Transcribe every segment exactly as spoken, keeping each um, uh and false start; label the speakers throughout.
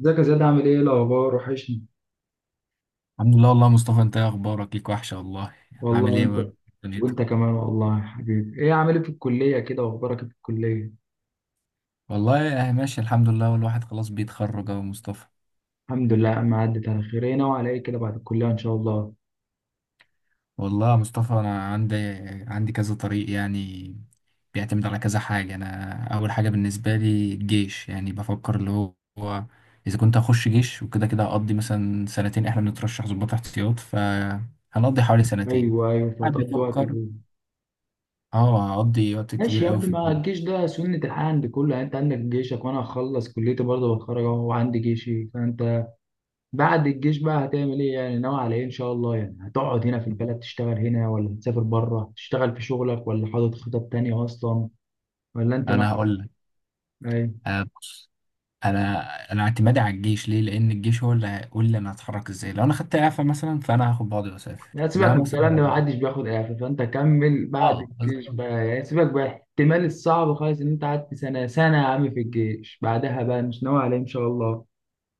Speaker 1: ازيك يا زياد، عامل ايه إيه الاخبار؟ وحشني.
Speaker 2: الحمد لله والله يا مصطفى، انت ايه اخبارك؟ ليك وحشه والله.
Speaker 1: والله
Speaker 2: عامل ايه
Speaker 1: وانت
Speaker 2: بقى دنيتك؟
Speaker 1: وانت كمان والله يا حبيبي. ايه؟ عامل ايه في الكليه كده؟ واخبارك إيه في الكليه؟
Speaker 2: والله اهي ماشي الحمد لله، والواحد خلاص بيتخرج اهو يا مصطفى.
Speaker 1: الحمد لله، ما عدت على خير. ايه ناوي على ايه كده بعد الكليه ان شاء الله؟
Speaker 2: والله يا مصطفى انا عندي عندي كذا طريق، يعني بيعتمد على كذا حاجه. انا اول حاجه بالنسبه لي الجيش، يعني بفكر اللي هو هو اذا كنت هخش جيش، وكده كده هقضي مثلا سنتين، احنا بنترشح ضباط احتياط فهنقضي حوالي سنتين.
Speaker 1: ايوه ايوه،
Speaker 2: قاعد
Speaker 1: فتقضي وقت
Speaker 2: بيفكر.
Speaker 1: كده.
Speaker 2: اه هقضي وقت
Speaker 1: ماشي
Speaker 2: كبير
Speaker 1: يا
Speaker 2: قوي
Speaker 1: ابني،
Speaker 2: في
Speaker 1: ما
Speaker 2: الجيش.
Speaker 1: الجيش ده سنه الحياه عند كله. يعني انت عندك جيشك، وانا هخلص كليتي برضه، بتخرج اهو وعندي جيشي. فانت بعد الجيش بقى هتعمل ايه؟ يعني ناوي على ايه ان شاء الله؟ يعني هتقعد هنا في البلد تشتغل هنا، ولا هتسافر بره تشتغل في شغلك، ولا حاطط خطط تانية اصلا؟ ولا انت ناوي
Speaker 2: انا هقول
Speaker 1: ايه؟
Speaker 2: لك، انا انا اعتمادي على الجيش ليه، لان الجيش هو اللي هيقول لي انا هتحرك ازاي. لو انا خدت اعفاء مثلا فانا هاخد بعضي واسافر،
Speaker 1: لا، سيبك
Speaker 2: انما
Speaker 1: من
Speaker 2: مثلا
Speaker 1: الكلام ده،
Speaker 2: لو-
Speaker 1: محدش بياخد اعفاء، فانت كمل. بعد
Speaker 2: اه
Speaker 1: الجيش
Speaker 2: بالظبط.
Speaker 1: بقى يعني، سيبك بقى. احتمال الصعب خالص ان انت قعدت سنه سنه يا عم في الجيش، بعدها بقى مش ناوي عليه ان شاء الله؟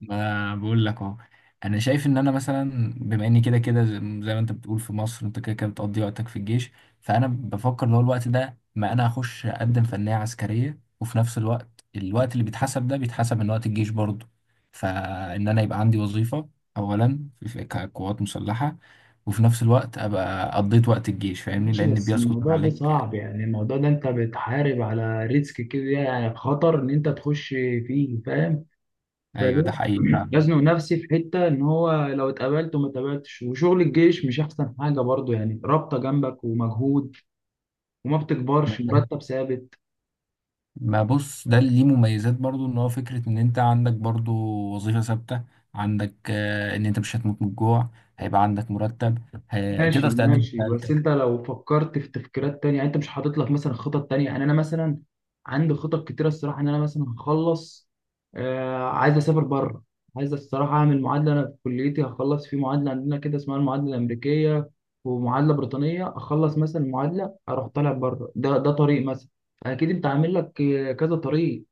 Speaker 2: ما بقول لك اهو. انا شايف ان انا مثلا، بما اني كده كده زي زي ما انت بتقول، في مصر انت كده كده بتقضي وقتك في الجيش، فانا بفكر اللي هو الوقت ده، ما انا اخش اقدم فنية عسكرية، وفي نفس الوقت الوقت اللي بيتحسب ده بيتحسب من وقت الجيش برضه، فان انا يبقى عندي وظيفة اولا في في كقوات مسلحة، وفي نفس الوقت ابقى قضيت وقت الجيش، فاهمني؟
Speaker 1: ماشي،
Speaker 2: لان
Speaker 1: بس
Speaker 2: بيسقط من
Speaker 1: الموضوع ده
Speaker 2: عليك.
Speaker 1: صعب. يعني الموضوع ده انت بتحارب على ريسك كده، يعني خطر ان انت تخش فيه، فاهم؟
Speaker 2: ايوه
Speaker 1: فليه
Speaker 2: ده حقيقي
Speaker 1: يزنق نفسي في حته، ان هو لو اتقبلت وما اتقبلتش، وشغل الجيش مش احسن حاجه برضه. يعني رابطه جنبك ومجهود، وما بتكبرش،
Speaker 2: فعلا.
Speaker 1: مرتب ثابت.
Speaker 2: ما بص، ده اللي ليه مميزات برضو، ان هو فكرة ان انت عندك برضو وظيفة ثابتة، عندك آه، ان انت مش هتموت من الجوع، هيبقى عندك مرتب، ه-
Speaker 1: ماشي
Speaker 2: تقدر تقدم
Speaker 1: ماشي، بس
Speaker 2: استقالتك.
Speaker 1: انت لو فكرت في تفكيرات تانية. يعني انت مش حاطط لك مثلا خطط تانية؟ يعني انا مثلا عندي خطط كتيرة الصراحة، ان انا مثلا هخلص، آه، عايز اسافر بره. عايز الصراحة اعمل معادلة، انا في كليتي هخلص في معادلة. عندنا كده اسمها المعادلة الامريكية، ومعادلة بريطانية. اخلص مثلا معادلة اروح طالع بره، ده ده طريق مثلا. اكيد انت عامل لك، آه، كذا طريق.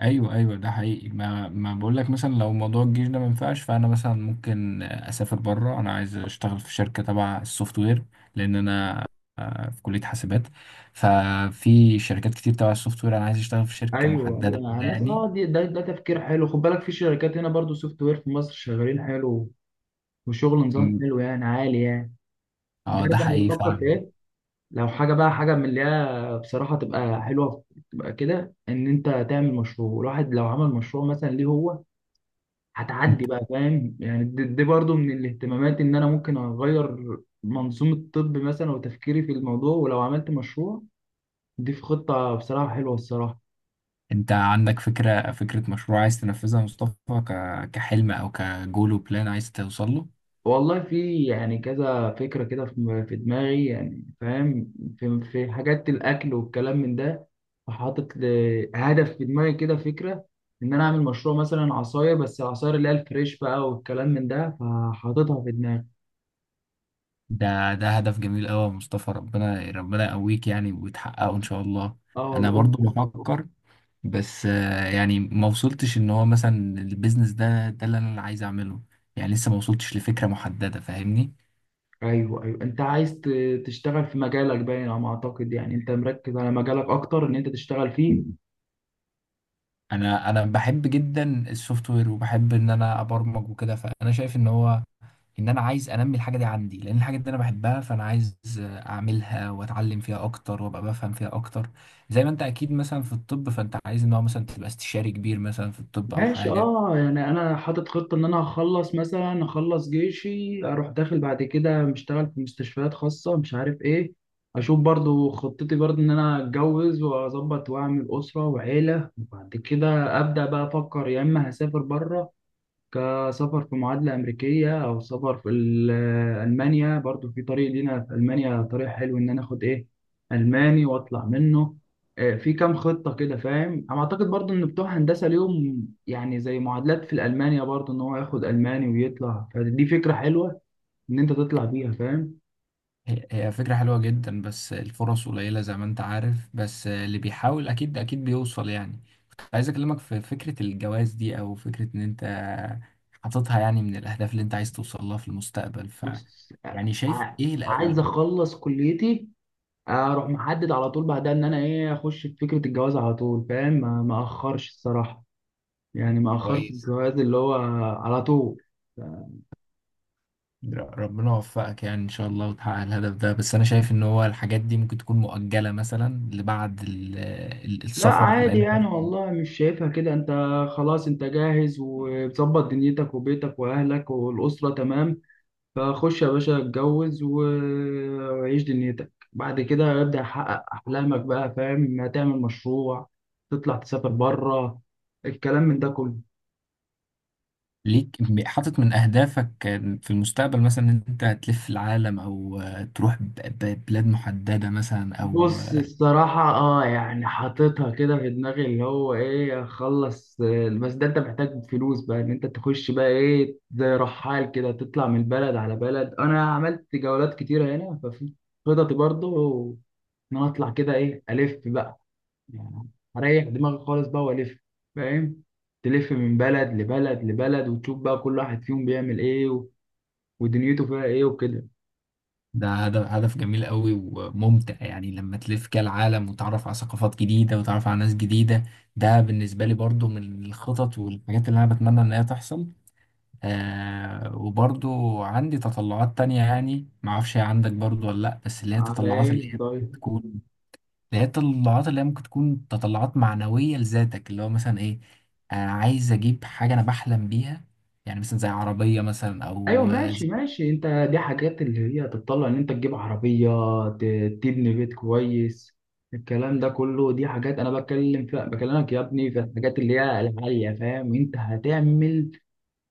Speaker 2: ايوه ايوه ده حقيقي. ما ما بقول لك، مثلا لو موضوع الجيش ده ما ينفعش، فانا مثلا ممكن آه، اسافر بره، انا عايز اشتغل في شركة تبع السوفت وير، لان انا آه، في كلية حاسبات، ففي شركات كتير تبع السوفت وير، انا عايز اشتغل في شركة
Speaker 1: ايوه ايوه،
Speaker 2: محددة
Speaker 1: انا
Speaker 2: كده
Speaker 1: عملت
Speaker 2: يعني.
Speaker 1: اه دي- ده ده تفكير حلو. خد بالك، في شركات هنا برضو سوفت وير في مصر شغالين حلو، وشغل نظام
Speaker 2: م،
Speaker 1: حلو يعني، عالي يعني. انت
Speaker 2: اه ده
Speaker 1: عارف انا
Speaker 2: حقيقي
Speaker 1: بفكر في
Speaker 2: فعلا.
Speaker 1: ايه؟ لو حاجه بقى، حاجه من اللي هي بصراحه تبقى حلوه، تبقى كده ان انت تعمل مشروع. الواحد لو عمل مشروع مثلا ليه هو، هتعدي بقى، فاهم؟ يعني دي, دي برضو من الاهتمامات، ان انا ممكن اغير منظومه الطب مثلا، وتفكيري في الموضوع. ولو عملت مشروع، دي في خطه بصراحه حلوه، الصراحه.
Speaker 2: انت عندك فكرة فكرة مشروع عايز تنفذها يا مصطفى؟ ك- كحلم او كجول وبلان عايز توصل له؟
Speaker 1: والله في يعني كذا فكرة كده، في في دماغي يعني، فاهم. في, في حاجات الأكل والكلام من ده. فحاطط ل- هدف في دماغي كده، فكرة إن أنا أعمل مشروع مثلا عصاير، بس العصاير اللي هي الفريش بقى والكلام من ده، فحاططها في دماغي.
Speaker 2: ده ده هدف جميل قوي يا مصطفى، ربنا ربنا يقويك يعني وتحققه ان شاء الله.
Speaker 1: اه
Speaker 2: انا
Speaker 1: والله.
Speaker 2: برضو بفكر، بس آه، يعني ما وصلتش، ان هو مثلا البيزنس ده ده اللي انا عايز اعمله، يعني لسه ما وصلتش لفكرة محددة فاهمني.
Speaker 1: أيوه أيوه، أنت عايز ت- تشتغل في مجالك باين على ما أعتقد. يعني أنت مركز على مجالك أكتر، إن أنت تشتغل فيه.
Speaker 2: انا انا بحب جدا السوفت وير، وبحب ان انا ابرمج وكده، فانا شايف ان هو ان انا عايز انمي الحاجه دي عندي، لان الحاجه دي انا بحبها، فانا عايز اعملها واتعلم فيها اكتر وابقى بفهم فيها اكتر. زي ما انت اكيد مثلا في الطب، فانت عايز ان هو مثلا تبقى استشاري كبير مثلا في الطب او
Speaker 1: ماشي،
Speaker 2: حاجه.
Speaker 1: اه. يعني انا حاطط خطه ان انا هخلص مثلا، اخلص جيشي، اروح داخل بعد كده مشتغل في مستشفيات خاصه، مش عارف ايه. اشوف برضو خطتي برضو، ان انا اتجوز واظبط واعمل اسره وعيله، وبعد كده ابدا بقى افكر. يا اما هسافر بره كسفر في معادلة أمريكية، أو سفر في ال- آه، ألمانيا. برضو في طريق لينا في ألمانيا، طريق حلو إن أنا آخد إيه، ألماني، وأطلع منه. آه، في كام خطة كده، فاهم؟ أنا أعتقد برضو إن بتوع هندسة ليهم يعني زي معادلات في الألمانيا برضو، إن هو ياخد ألماني ويطلع. فدي فكرة حلوة إن أنت تطلع بيها، فاهم؟
Speaker 2: هي هي فكره حلوه جدا، بس الفرص قليله زي ما انت عارف، بس اللي بيحاول اكيد اكيد بيوصل يعني. عايز اكلمك في فكره الجواز دي، او فكره ان انت حاططها يعني من الاهداف اللي انت عايز توصل لها في المستقبل، ف
Speaker 1: بس آه،
Speaker 2: يعني شايف
Speaker 1: ع-
Speaker 2: ايه
Speaker 1: عايز
Speaker 2: الاولى؟
Speaker 1: أخلص كليتي، أروح محدد على طول بعدها إن أنا إيه، أخش في فكرة الجواز على طول، فاهم؟ ما ما أخرش الصراحة، يعني ما أخرت
Speaker 2: كويس.
Speaker 1: الجواز اللي هو على طول.
Speaker 2: ر- ربنا يوفقك يعني ان شاء الله، وتحقق الهدف ده. بس انا شايف ان هو الحاجات دي ممكن تكون مؤجلة مثلا لبعد ال- ال-
Speaker 1: لا
Speaker 2: السفر،
Speaker 1: عادي
Speaker 2: لان
Speaker 1: يعني، والله مش شايفها كده انت. خلاص، انت جاهز ومظبط دنيتك وبيتك واهلك والاسره تمام. فخش يا باشا اتجوز، و- وعيش دنيتك. بعد كده ابدا حقق احلامك بقى، فاهم؟ هتعمل مشروع، تطلع تسافر بره، الكلام من ده كله.
Speaker 2: ليك م- حاطط من اهدافك في المستقبل مثلا ان انت هتلف العالم، او تروح ب- ب- بلاد محددة مثلا او.
Speaker 1: بص الصراحة اه يعني، حاططها كده في دماغي، اللي هو ايه، اخلص، آه، بس ده انت محتاج فلوس بقى ان انت تخش بقى ايه، زي رحال كده تطلع من بلد على بلد. انا عملت جولات كتيرة هنا، ففي خططي برضو ان انا اطلع كده ايه، الف بقى يعني، اريح دماغي خالص بقى والف، فاهم؟ تلف من بلد لبلد لبلد، وتشوف بقى كل واحد فيهم بيعمل ايه، و- ودنيته فيها ايه، وكده.
Speaker 2: ده هدف هدف جميل قوي وممتع، يعني لما تلف كده العالم وتعرف على ثقافات جديدة وتعرف على ناس جديدة. ده بالنسبة لي برضو من الخطط والحاجات اللي انا بتمنى ان هي تحصل. آه وبرضو عندي تطلعات تانية، يعني معرفش هي عندك برضو ولا لأ، بس اللي هي
Speaker 1: على
Speaker 2: التطلعات
Speaker 1: ايه
Speaker 2: اللي هي ممكن
Speaker 1: طيب؟
Speaker 2: تكون اللي هي التطلعات اللي هي ممكن تكون تطلعات معنوية لذاتك، اللي هو مثلا إيه، آه عايز أجيب حاجة أنا بحلم بيها، يعني مثلا زي عربية مثلا
Speaker 1: ايوه
Speaker 2: أو.
Speaker 1: ماشي ماشي، انت دي حاجات اللي هي تتطلع ان انت تجيب عربيه، ت- تبني بيت كويس، الكلام ده كله. دي حاجات انا بتكلم فيها، بكلمك يا ابني في الحاجات اللي هي العاليه، فاهم؟ انت هتعمل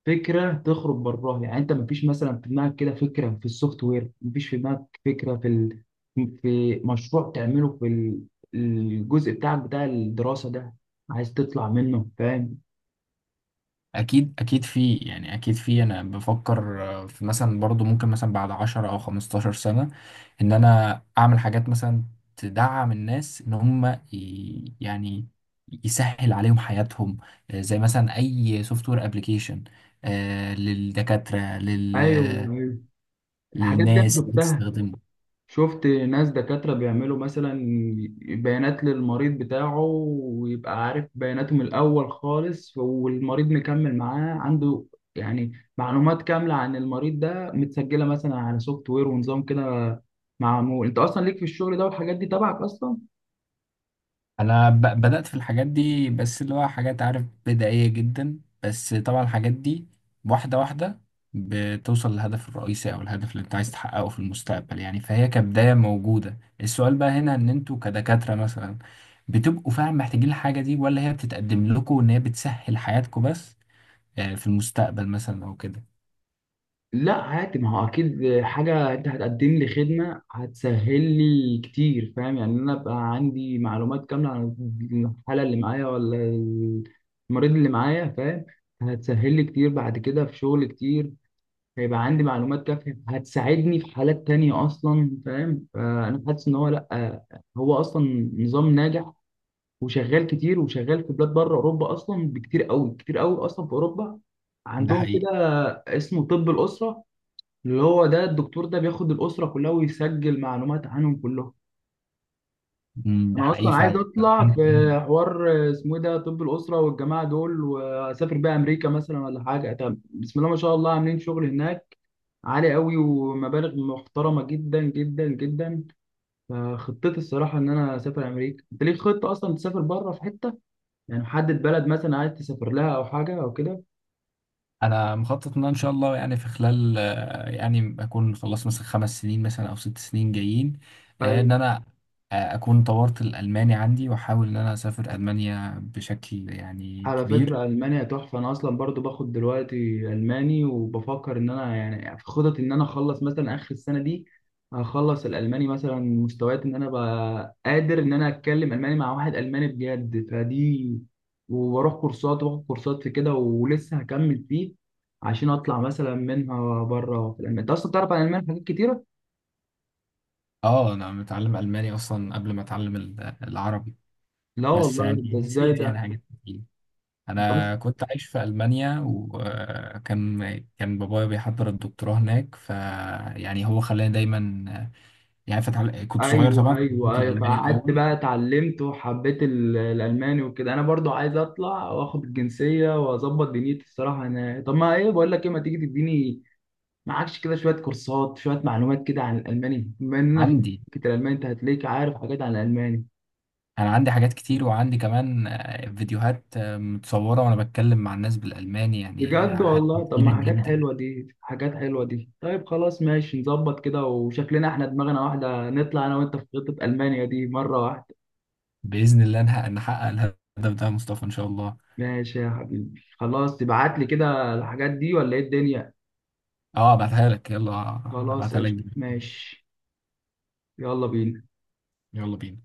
Speaker 1: فكره تخرج براها. يعني انت مفيش مثلا في دماغك كده فكره في السوفت وير؟ مفيش في دماغك فكره في ال...، في مشروع تعمله في ال- الجزء بتاعك بتاع الدراسه ده، عايز تطلع منه، فاهم؟
Speaker 2: اكيد اكيد في، يعني اكيد في، انا بفكر آه، في مثلا برضو ممكن مثلا بعد عشرة او 15 سنة ان انا اعمل حاجات مثلا تدعم الناس ان هم ي- يعني يسهل عليهم حياتهم، آه، زي مثلا اي سوفت وير ابلكيشن للدكاترة، لل
Speaker 1: ايوه ايوه، الحاجات دي انا
Speaker 2: للناس اللي
Speaker 1: شفتها.
Speaker 2: بتستخدمه.
Speaker 1: شفت ناس دكاترة بيعملوا مثلا بيانات للمريض بتاعه، ويبقى عارف بياناته من الأول خالص، والمريض مكمل معاه عنده يعني، معلومات كاملة عن المريض ده متسجلة مثلا على سوفت وير ونظام كده معمول. أنت أصلا ليك في الشغل ده والحاجات دي تبعك أصلا؟
Speaker 2: انا ب- بدأت في الحاجات دي، بس اللي هو حاجات عارف بدائية جدا، بس طبعا الحاجات دي واحدة واحدة بتوصل للهدف الرئيسي او الهدف اللي انت عايز تحققه في المستقبل يعني، فهي كبداية موجودة. السؤال بقى هنا ان انتوا كدكاترة مثلا، بتبقوا فعلا محتاجين الحاجة دي، ولا هي بتتقدم لكم ان هي بتسهل حياتكم بس آه، في المستقبل مثلا او كده؟
Speaker 1: لا عادي، ما هو اكيد حاجه انت هتقدم لي خدمه هتسهل لي كتير، فاهم؟ يعني انا ابقى عندي معلومات كامله عن الحاله اللي معايا، ولا المريض اللي معايا، فاهم؟ هتسهل لي كتير بعد كده في شغل كتير. هيبقى عندي معلومات كافيه هتساعدني في حالات تانية اصلا، فاهم؟ فانا حاسس ان هو لا، هو اصلا نظام ناجح وشغال كتير، وشغال في بلاد بره، اوروبا اصلا بكتير قوي، كتير قوي اصلا. في اوروبا
Speaker 2: ده
Speaker 1: عندهم
Speaker 2: حقيقي.
Speaker 1: كده، اسمه طب الاسره، اللي هو ده الدكتور ده بياخد الأسرة كلها، ويسجل معلومات عنهم كلهم.
Speaker 2: مم، ده
Speaker 1: أنا
Speaker 2: حقيقي
Speaker 1: أصلا عايز
Speaker 2: فعلا.
Speaker 1: أطلع في حوار اسمه إيه ده، طب الأسرة والجماعة دول. وأسافر بقى أمريكا مثلا ولا حاجة، طب بسم الله ما شاء الله عاملين شغل هناك عالي قوي، ومبالغ محترمة جدا جدا جدا. فخطتي الصراحة إن أنا أسافر أمريكا. أنت ليك خطة أصلا تسافر بره في حتة، يعني محدد بلد مثلا عايز تسافر لها، أو حاجة أو كده؟
Speaker 2: انا مخطط ان أنا ان شاء الله، يعني في خلال آه، يعني اكون خلصت مثلا خمس سنين مثلا او ست سنين جايين، آه، ان انا آه، اكون طورت الالماني عندي، واحاول ان انا اسافر المانيا بشكل يعني
Speaker 1: على
Speaker 2: كبير.
Speaker 1: فكرة ألمانيا تحفة. أنا أصلا برضو باخد دلوقتي ألماني، وبفكر إن أنا يعني في خطط إن أنا أخلص مثلا آخر السنة دي. هخلص الألماني مثلا مستويات إن أنا أبقى قادر إن أنا أتكلم ألماني مع واحد ألماني بجد، فدي. وبروح كورسات وباخد كورسات في كده، ولسه هكمل فيه عشان أطلع مثلا منها بره في ألمانيا. أنت أصلا بتعرف عن ألمانيا حاجات كتيرة؟
Speaker 2: اه انا متعلم الماني اصلا قبل ما اتعلم ال- العربي.
Speaker 1: لا
Speaker 2: بس
Speaker 1: والله،
Speaker 2: يعني
Speaker 1: ده إزاي
Speaker 2: نسيت يعني
Speaker 1: ده؟
Speaker 2: حاجات كتير.
Speaker 1: أنت أصلا،
Speaker 2: انا كنت عايش في المانيا، وكان كان بابايا بيحضر الدكتوراه هناك، فيعني هو خلاني دايما يعني فتح، كنت صغير طبعا،
Speaker 1: ايوه
Speaker 2: كنت
Speaker 1: ايوه ايوه،
Speaker 2: الالماني
Speaker 1: فقعدت
Speaker 2: الاول
Speaker 1: بقى اتعلمت وحبيت ال- الالماني وكده. انا برضو عايز اطلع واخد الجنسيه واظبط دنيتي الصراحه. انا طب ما ايه، بقول لك ايه، ما تيجي تديني معكش كده شويه كورسات، شويه معلومات كده عن الالماني، بما اننا في
Speaker 2: عندي.
Speaker 1: فكره الالماني. انت هتلاقيك عارف حاجات عن الالماني،
Speaker 2: انا عندي حاجات كتير، وعندي كمان آه، فيديوهات آه، متصوره وانا بتكلم مع الناس بالالماني، يعني
Speaker 1: بجد والله. طب ما
Speaker 2: هتفيدك
Speaker 1: حاجات
Speaker 2: جدا.
Speaker 1: حلوه دي، حاجات حلوه دي. طيب خلاص ماشي، نظبط كده، وشكلنا احنا دماغنا واحده. نطلع انا وانت في خطه المانيا دي مره واحده.
Speaker 2: باذن الله نحقق نحقق الهدف ده يا مصطفى ان شاء الله.
Speaker 1: ماشي يا حبيبي خلاص، تبعت لي كده الحاجات دي ولا ايه الدنيا؟
Speaker 2: اه ابعتها لك. يلا آه،
Speaker 1: خلاص
Speaker 2: ابعتها لك
Speaker 1: قشطة
Speaker 2: دلوقتي.
Speaker 1: ماشي. يلا بينا.
Speaker 2: يلا بينا.